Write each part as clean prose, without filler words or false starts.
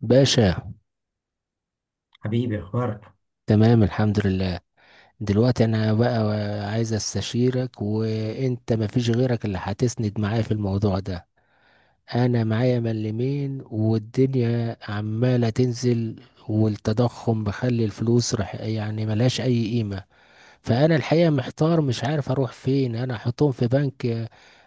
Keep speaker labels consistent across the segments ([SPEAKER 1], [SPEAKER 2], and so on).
[SPEAKER 1] باشا،
[SPEAKER 2] حبيبي، اخبارك؟
[SPEAKER 1] تمام الحمد لله. دلوقتي انا بقى عايز استشيرك وانت مفيش غيرك اللي هتسند معايا في الموضوع ده. انا معايا ملمين والدنيا عمالة تنزل، والتضخم مخلي الفلوس رح يعني ملهاش اي قيمة. فانا الحقيقه محتار مش عارف اروح فين، انا احطهم في بنك؟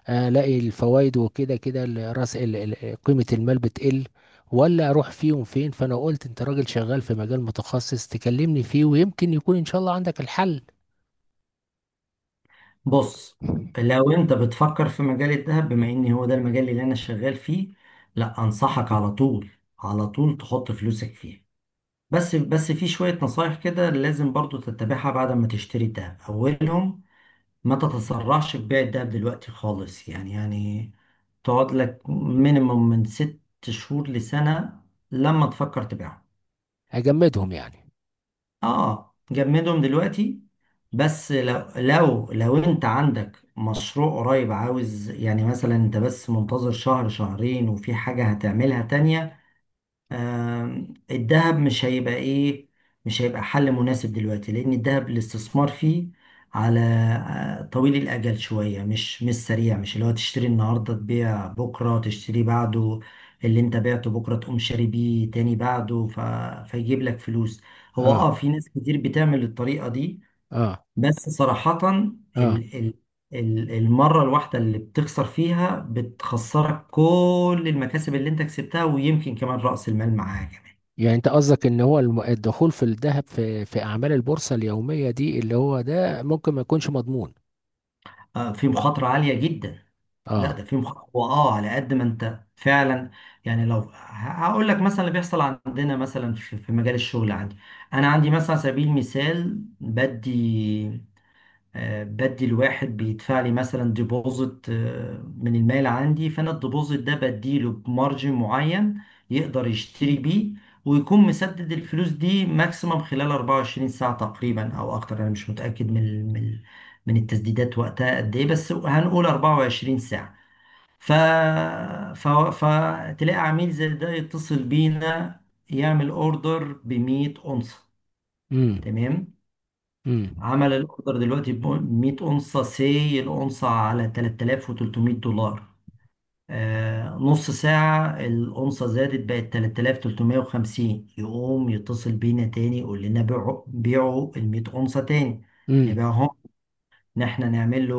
[SPEAKER 1] الاقي الفوائد وكده كده قيمه المال بتقل، ولا اروح فيهم فين؟ فانا قلت انت راجل شغال في مجال متخصص تكلمني فيه ويمكن يكون ان شاء الله عندك الحل.
[SPEAKER 2] بص، لو انت بتفكر في مجال الذهب، بما ان هو ده المجال اللي انا شغال فيه، لا انصحك على طول. على طول تحط فلوسك فيه. بس في شوية نصايح كده لازم برضو تتبعها بعد ما تشتري الذهب. اولهم، ما تتسرعش في بيع الذهب دلوقتي خالص، يعني تقعد لك مينيموم من ست شهور لسنة لما تفكر تبيعه.
[SPEAKER 1] اجمدهم يعني.
[SPEAKER 2] اه، جمدهم دلوقتي. بس لو انت عندك مشروع قريب، عاوز يعني مثلا انت بس منتظر شهر شهرين وفي حاجة هتعملها تانية، الذهب مش هيبقى ايه، مش هيبقى حل مناسب دلوقتي. لان الذهب الاستثمار فيه على طويل الاجل شويه. مش سريع، مش اللي هو تشتري النهارده تبيع بكره تشتري بعده. اللي انت بعته بكره تقوم شاري بيه تاني بعده. فيجيب لك فلوس. هو
[SPEAKER 1] اه.
[SPEAKER 2] اه، في ناس كتير بتعمل الطريقه دي.
[SPEAKER 1] اه.
[SPEAKER 2] بس صراحة،
[SPEAKER 1] اه،
[SPEAKER 2] ال ال ال المرة الواحدة اللي بتخسر فيها بتخسرك كل المكاسب اللي انت كسبتها، ويمكن كمان رأس المال معاها كمان.
[SPEAKER 1] يعني انت قصدك ان هو الدخول في الذهب، في اعمال البورصه اليوميه دي اللي هو ده ممكن ما يكونش مضمون.
[SPEAKER 2] آه، في مخاطرة عالية جدا. لا
[SPEAKER 1] اه.
[SPEAKER 2] ده في مخاطرة، واه، على قد ما انت فعلا. يعني لو هقول لك مثلا اللي بيحصل عندنا مثلا في مجال الشغل عندي. انا عندي مثلا على سبيل المثال بدي بدي، الواحد بيدفع لي مثلا ديبوزيت من المال عندي، فانا الديبوزيت ده بديله بمارجن معين يقدر يشتري بيه، ويكون مسدد الفلوس دي ماكسيمم خلال 24 ساعة تقريبا او اكتر. انا مش متأكد من من التسديدات وقتها قد ايه، بس هنقول 24 ساعة. ف... ف... فتلاقي عميل زي ده يتصل بينا يعمل اوردر ب 100 اونصة.
[SPEAKER 1] امم
[SPEAKER 2] تمام.
[SPEAKER 1] امم
[SPEAKER 2] عمل الاوردر دلوقتي ب 100 اونصه سي الاونصه على 3300 دولار. آه، نص ساعه الاونصه زادت بقت 3350، يقوم يتصل بينا تاني يقول لنا بيعوا بيعوا ال 100 اونصه تاني.
[SPEAKER 1] امم
[SPEAKER 2] نبيعهم، ان احنا نعمل له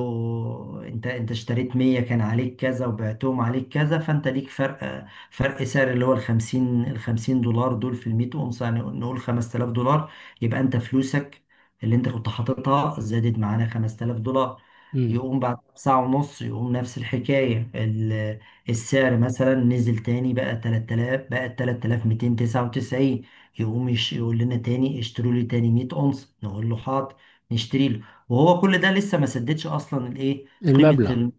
[SPEAKER 2] انت اشتريت 100 كان عليك كذا وبعتهم عليك كذا، فانت ليك فرق سعر اللي هو ال 50 ال 50 دولار دول في ال 100 اونصه، يعني نقول 5000 دولار. يبقى انت فلوسك اللي انت كنت حاططها زادت معانا 5000 دولار.
[SPEAKER 1] امم.
[SPEAKER 2] يقوم بعد ساعة ونص يقوم نفس الحكاية السعر مثلا نزل تاني بقى 3000، بقى 3299. يقوم يقول لنا تاني اشتروا لي تاني 100 اونصه، نقول له حاضر، نشتري له. وهو كل ده لسه ما سددش اصلا الايه، قيمه
[SPEAKER 1] المبلغ.
[SPEAKER 2] ال...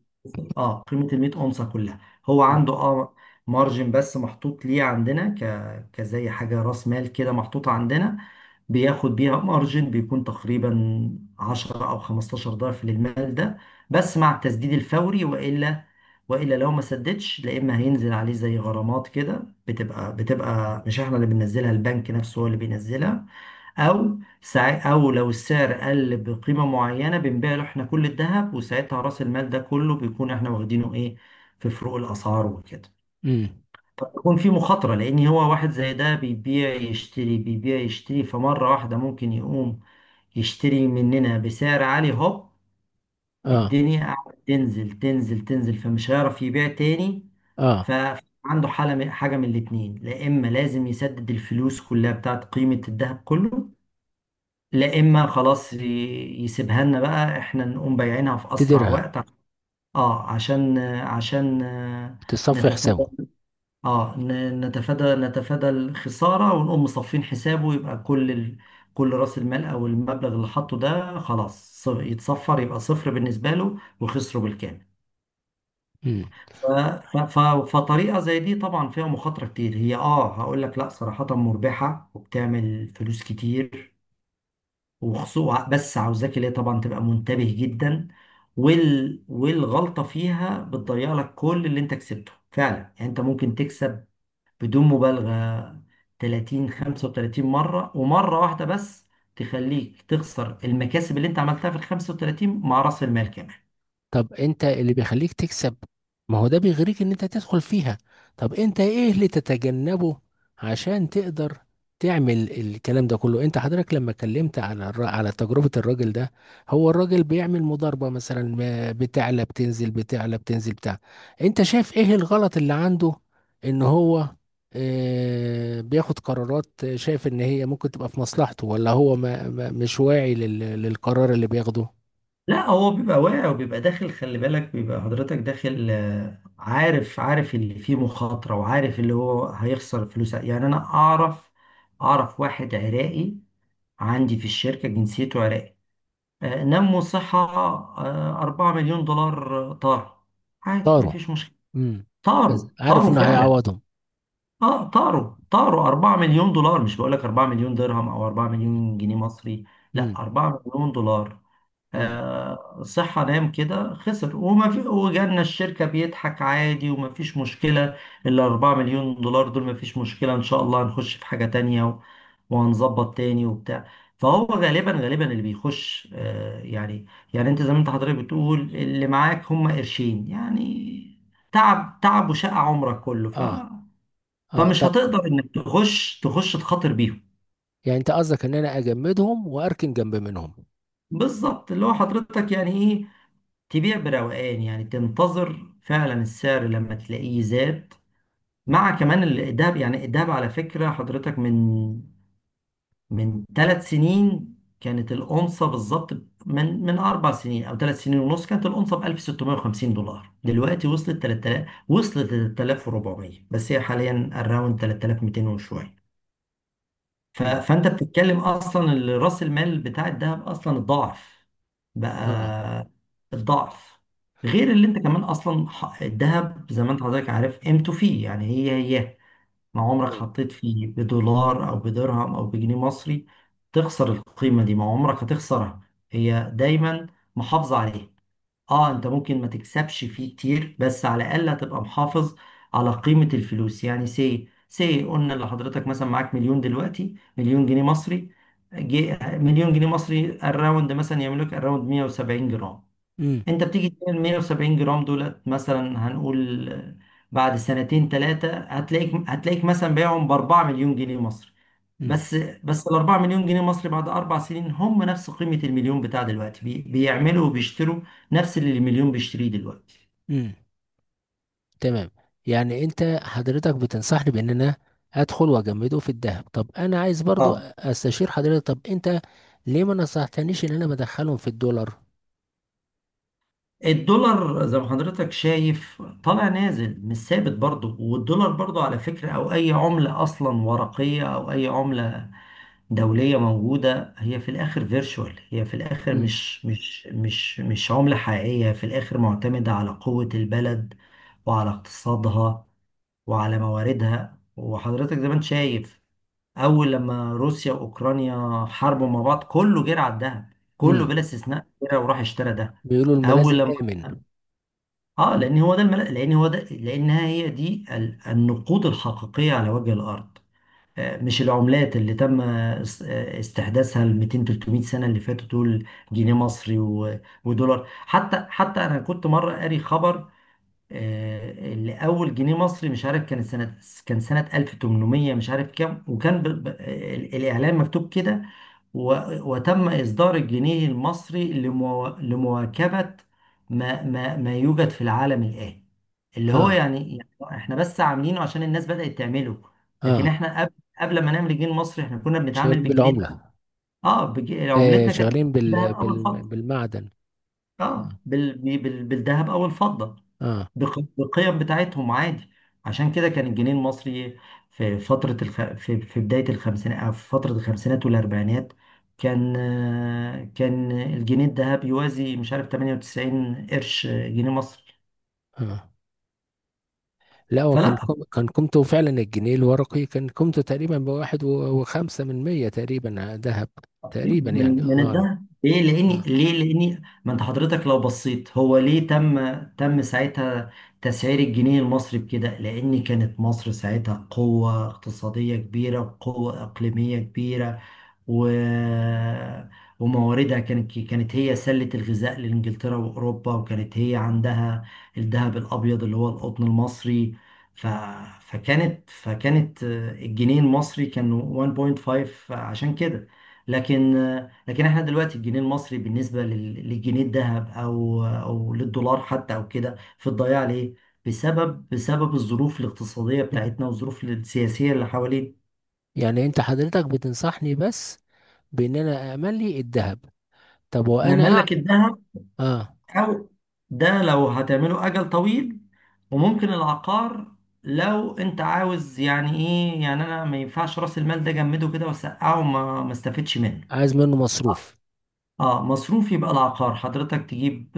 [SPEAKER 2] اه قيمه ال 100 اونصه كلها. هو
[SPEAKER 1] امم
[SPEAKER 2] عنده اه، مارجن بس محطوط ليه عندنا كزي حاجه راس مال كده محطوطه عندنا، بياخد بيها مارجن بيكون تقريبا 10 او 15 ضعف للمال ده. بس مع التسديد الفوري، والا لو ما سددش، لا اما هينزل عليه زي غرامات كده بتبقى مش احنا اللي بننزلها، البنك نفسه هو اللي بينزلها، او او لو السعر قل بقيمه معينه بنبيع له احنا كل الذهب، وساعتها راس المال ده كله بيكون احنا واخدينه ايه في فروق الاسعار وكده.
[SPEAKER 1] إمم.
[SPEAKER 2] فبيكون في مخاطره، لان هو واحد زي ده بيبيع يشتري بيبيع يشتري، فمره واحده ممكن يقوم يشتري مننا بسعر عالي، هوب
[SPEAKER 1] اه.
[SPEAKER 2] الدنيا قاعدة تنزل تنزل تنزل، فمش هيعرف يبيع تاني.
[SPEAKER 1] اه
[SPEAKER 2] فعنده حالة حاجة من الاتنين، لا إما لازم يسدد الفلوس كلها بتاعت قيمة الذهب كله، لا اما خلاص يسيبها لنا بقى احنا نقوم بايعينها في اسرع
[SPEAKER 1] تديرها،
[SPEAKER 2] وقت. اه، عشان
[SPEAKER 1] تصفي
[SPEAKER 2] نتفادى،
[SPEAKER 1] حسابه.
[SPEAKER 2] اه نتفادى الخساره، ونقوم مصفين حسابه، يبقى كل راس المال او المبلغ اللي حاطه ده خلاص يتصفر، يبقى صفر بالنسبه له وخسره بالكامل.
[SPEAKER 1] مم.
[SPEAKER 2] ف... ف... ف... فطريقه زي دي طبعا فيها مخاطره كتير. هي اه، هقول لك لا، صراحه مربحه وبتعمل فلوس كتير، وخصوصا بس عاوزاك اللي هي طبعا تبقى منتبه جدا. والغلطة فيها بتضيع لك كل اللي انت كسبته فعلا. يعني انت ممكن تكسب بدون مبالغة 30 35 مرة، ومرة واحدة بس تخليك تخسر المكاسب اللي انت عملتها في ال 35 مع رأس المال كمان.
[SPEAKER 1] طب انت اللي بيخليك تكسب، ما هو ده بيغريك ان انت تدخل فيها. طب انت ايه اللي تتجنبه عشان تقدر تعمل الكلام ده كله؟ انت حضرتك لما اتكلمت على على تجربة الراجل ده، هو الراجل بيعمل مضاربة مثلا، بتعلى بتنزل بتعلى بتنزل بتاع. انت شايف ايه الغلط اللي عنده؟ ان هو اه بياخد قرارات شايف ان هي ممكن تبقى في مصلحته، ولا هو ما مش واعي للقرار اللي بياخده؟
[SPEAKER 2] لا هو بيبقى واعي وبيبقى داخل، خلي بالك بيبقى حضرتك داخل عارف اللي فيه مخاطرة، وعارف اللي هو هيخسر فلوس. يعني انا اعرف، اعرف واحد عراقي عندي في الشركة جنسيته عراقي. نمو صحة. 4 مليون دولار طار. عادي، ما
[SPEAKER 1] طاروا.
[SPEAKER 2] فيش مشكلة.
[SPEAKER 1] امم، بس
[SPEAKER 2] طاروا
[SPEAKER 1] عارف
[SPEAKER 2] طاروا
[SPEAKER 1] انه
[SPEAKER 2] فعلا.
[SPEAKER 1] هيعوضهم.
[SPEAKER 2] اه، طاروا طاروا 4 مليون دولار. مش بقول لك 4 مليون درهم او 4
[SPEAKER 1] مم.
[SPEAKER 2] مليون جنيه مصري، لا،
[SPEAKER 1] امم.
[SPEAKER 2] 4 مليون دولار.
[SPEAKER 1] امم.
[SPEAKER 2] صحة نام كده خسر وما في، وجالنا الشركة بيضحك عادي وما فيش مشكلة. الأربعة مليون دولار دول ما فيش مشكلة، إن شاء الله هنخش في حاجة تانية وهنظبط تاني وبتاع. فهو غالبا اللي بيخش يعني أنت زي ما أنت حضرتك بتقول، اللي معاك هم قرشين يعني. تعب تعب وشقى عمرك كله،
[SPEAKER 1] اه. اه
[SPEAKER 2] فمش
[SPEAKER 1] طب،
[SPEAKER 2] هتقدر إنك تخش تخاطر بيهم.
[SPEAKER 1] يعني انت قصدك ان انا اجمدهم واركن جنب منهم.
[SPEAKER 2] بالظبط، اللي هو حضرتك يعني تبيع بروقان، يعني تنتظر فعلا السعر لما تلاقيه زاد. مع كمان الدهب، يعني الدهب على فكرة حضرتك من ثلاث سنين كانت الأونصة بالظبط. من أربع سنين أو ثلاث سنين ونص كانت الأونصة ب 1650 دولار، دلوقتي وصلت 3000، وصلت 3400، بس هي حاليا الراوند 3200 وشوية.
[SPEAKER 1] امم.
[SPEAKER 2] فانت بتتكلم اصلا راس المال بتاع الذهب اصلا الضعف
[SPEAKER 1] اه.
[SPEAKER 2] بقى، الضعف. غير اللي انت كمان اصلا الذهب زي ما انت حضرتك عارف قيمته فيه يعني، هي ما عمرك
[SPEAKER 1] تمام.
[SPEAKER 2] حطيت فيه بدولار او بدرهم او بجنيه مصري تخسر القيمة دي، ما عمرك هتخسرها. هي دايما محافظة عليها. اه، انت ممكن ما تكسبش فيه كتير، بس على الاقل هتبقى محافظ على قيمة الفلوس. يعني سي سي قلنا لحضرتك مثلا معاك مليون دلوقتي، مليون جنيه مصري، جي مليون جنيه مصري الراوند مثلا يعمل لك الراوند 170 جرام.
[SPEAKER 1] امم.
[SPEAKER 2] انت بتيجي تعمل 170 جرام دولت مثلا هنقول بعد سنتين ثلاثة هتلاقيك، مثلا بايعهم ب 4 مليون جنيه مصري.
[SPEAKER 1] امم.
[SPEAKER 2] بس بس ال 4 مليون جنيه مصري بعد اربع سنين هم نفس قيمة المليون بتاع دلوقتي، بيعملوا وبيشتروا نفس اللي المليون بيشتريه دلوقتي.
[SPEAKER 1] امم. تمام، يعني انت حضرتك بتنصحني بان انا ادخل واجمده في الذهب. طب انا عايز برضو
[SPEAKER 2] اه،
[SPEAKER 1] استشير حضرتك، طب انت ليه ما نصحتنيش ان انا بدخلهم في الدولار؟
[SPEAKER 2] الدولار زي ما حضرتك شايف طالع نازل مش ثابت برضه. والدولار برضه على فكرة، أو أي عملة أصلا ورقية أو أي عملة دولية موجودة، هي في الآخر فيرتشوال، هي في الآخر
[SPEAKER 1] امم.
[SPEAKER 2] مش عملة حقيقية في الآخر، معتمدة على قوة البلد، وعلى اقتصادها، وعلى مواردها. وحضرتك زي ما انت شايف، اول لما روسيا واوكرانيا حاربوا مع بعض كله جرى على الذهب، كله
[SPEAKER 1] امم،
[SPEAKER 2] بلا استثناء جرى وراح اشترى ده.
[SPEAKER 1] بيقولوا الملاذ
[SPEAKER 2] اول لما
[SPEAKER 1] الامن.
[SPEAKER 2] اه
[SPEAKER 1] مم.
[SPEAKER 2] لان هو ده لانها هي دي النقود الحقيقيه على وجه الارض. مش العملات اللي تم استحداثها ال 200 300 سنه اللي فاتوا دول. جنيه مصري ودولار. حتى انا كنت مره قاري خبر، اللي اول جنيه مصري مش عارف كان سنه، كان سنه 1800 مش عارف كام. وكان الاعلان مكتوب كده، و... وتم اصدار الجنيه المصري لمواكبه ما يوجد في العالم الان، اللي هو
[SPEAKER 1] اه.
[SPEAKER 2] يعني احنا بس عاملينه عشان الناس بدات تعمله. لكن
[SPEAKER 1] اه
[SPEAKER 2] احنا قبل ما نعمل الجنيه المصري احنا كنا بنتعامل
[SPEAKER 1] شغالين
[SPEAKER 2] بالجنيه ده.
[SPEAKER 1] بالعملة.
[SPEAKER 2] اه، عملتنا كانت
[SPEAKER 1] شغالين
[SPEAKER 2] بالذهب او الفضه.
[SPEAKER 1] بالمعدن.
[SPEAKER 2] اه، بالذهب او الفضه،
[SPEAKER 1] اه.
[SPEAKER 2] بالقيم بتاعتهم عادي. عشان كده كان الجنيه المصري في فترة في بداية الخمسينات أو في فترة الخمسينات والأربعينات كان كان الجنيه الذهب يوازي مش عارف 98 قرش جنيه مصري
[SPEAKER 1] اه، لا هو كان
[SPEAKER 2] فلا
[SPEAKER 1] كان قيمته فعلا، الجنيه الورقي كان قيمته تقريبا بواحد وخمسة من مية تقريبا، ذهب. تقريبا يعني
[SPEAKER 2] من
[SPEAKER 1] الله أعلم.
[SPEAKER 2] الذهب. ليه؟ لاني،
[SPEAKER 1] آه.
[SPEAKER 2] ما انت حضرتك لو بصيت هو ليه تم ساعتها تسعير الجنيه المصري بكده، لان كانت مصر ساعتها قوة اقتصادية كبيرة، قوة اقليمية كبيرة، و... ومواردها كانت هي سلة الغذاء لإنجلترا وأوروبا، وكانت هي عندها الذهب الأبيض اللي هو القطن المصري. ف... فكانت فكانت الجنيه المصري كان 1.5 عشان كده. لكن لكن احنا دلوقتي الجنيه المصري بالنسبة للجنيه الذهب أو للدولار حتى أو كده في الضياع، ليه؟ بسبب الظروف الاقتصادية بتاعتنا والظروف السياسية اللي حوالينا.
[SPEAKER 1] يعني أنت حضرتك بتنصحني بس بإن أنا أأمن لي الذهب. طب وأنا
[SPEAKER 2] ملك الذهب،
[SPEAKER 1] اه
[SPEAKER 2] أو ده لو هتعمله أجل طويل. وممكن العقار لو أنت عاوز يعني إيه، يعني أنا ما ينفعش رأس المال ده جمده كده وسقعه وما ما استفدش منه.
[SPEAKER 1] عايز منه مصروف.
[SPEAKER 2] اه مصروف، يبقى العقار حضرتك تجيب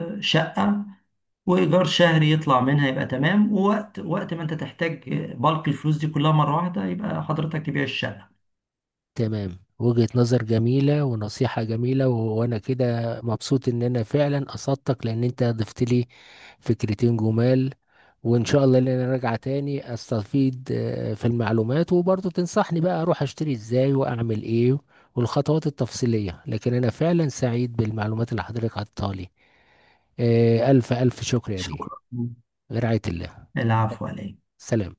[SPEAKER 2] شقة، وإيجار شهري يطلع منها يبقى تمام. ووقت ما أنت تحتاج بالك الفلوس دي كلها مرة واحدة يبقى حضرتك تبيع الشقة.
[SPEAKER 1] تمام، وجهة نظر جميلة ونصيحة جميلة، وأنا كده مبسوط إن أنا فعلا أصدتك لأن أنت ضفت لي فكرتين جمال. وإن شاء الله إن أنا راجعة تاني أستفيد في المعلومات، وبرضه تنصحني بقى أروح أشتري إزاي وأعمل إيه والخطوات التفصيلية. لكن أنا فعلا سعيد بالمعلومات اللي حضرتك عطتها لي. ألف ألف شكر يا بيه.
[SPEAKER 2] شكرا.
[SPEAKER 1] برعاية الله.
[SPEAKER 2] العفو عليك. مع
[SPEAKER 1] سلام.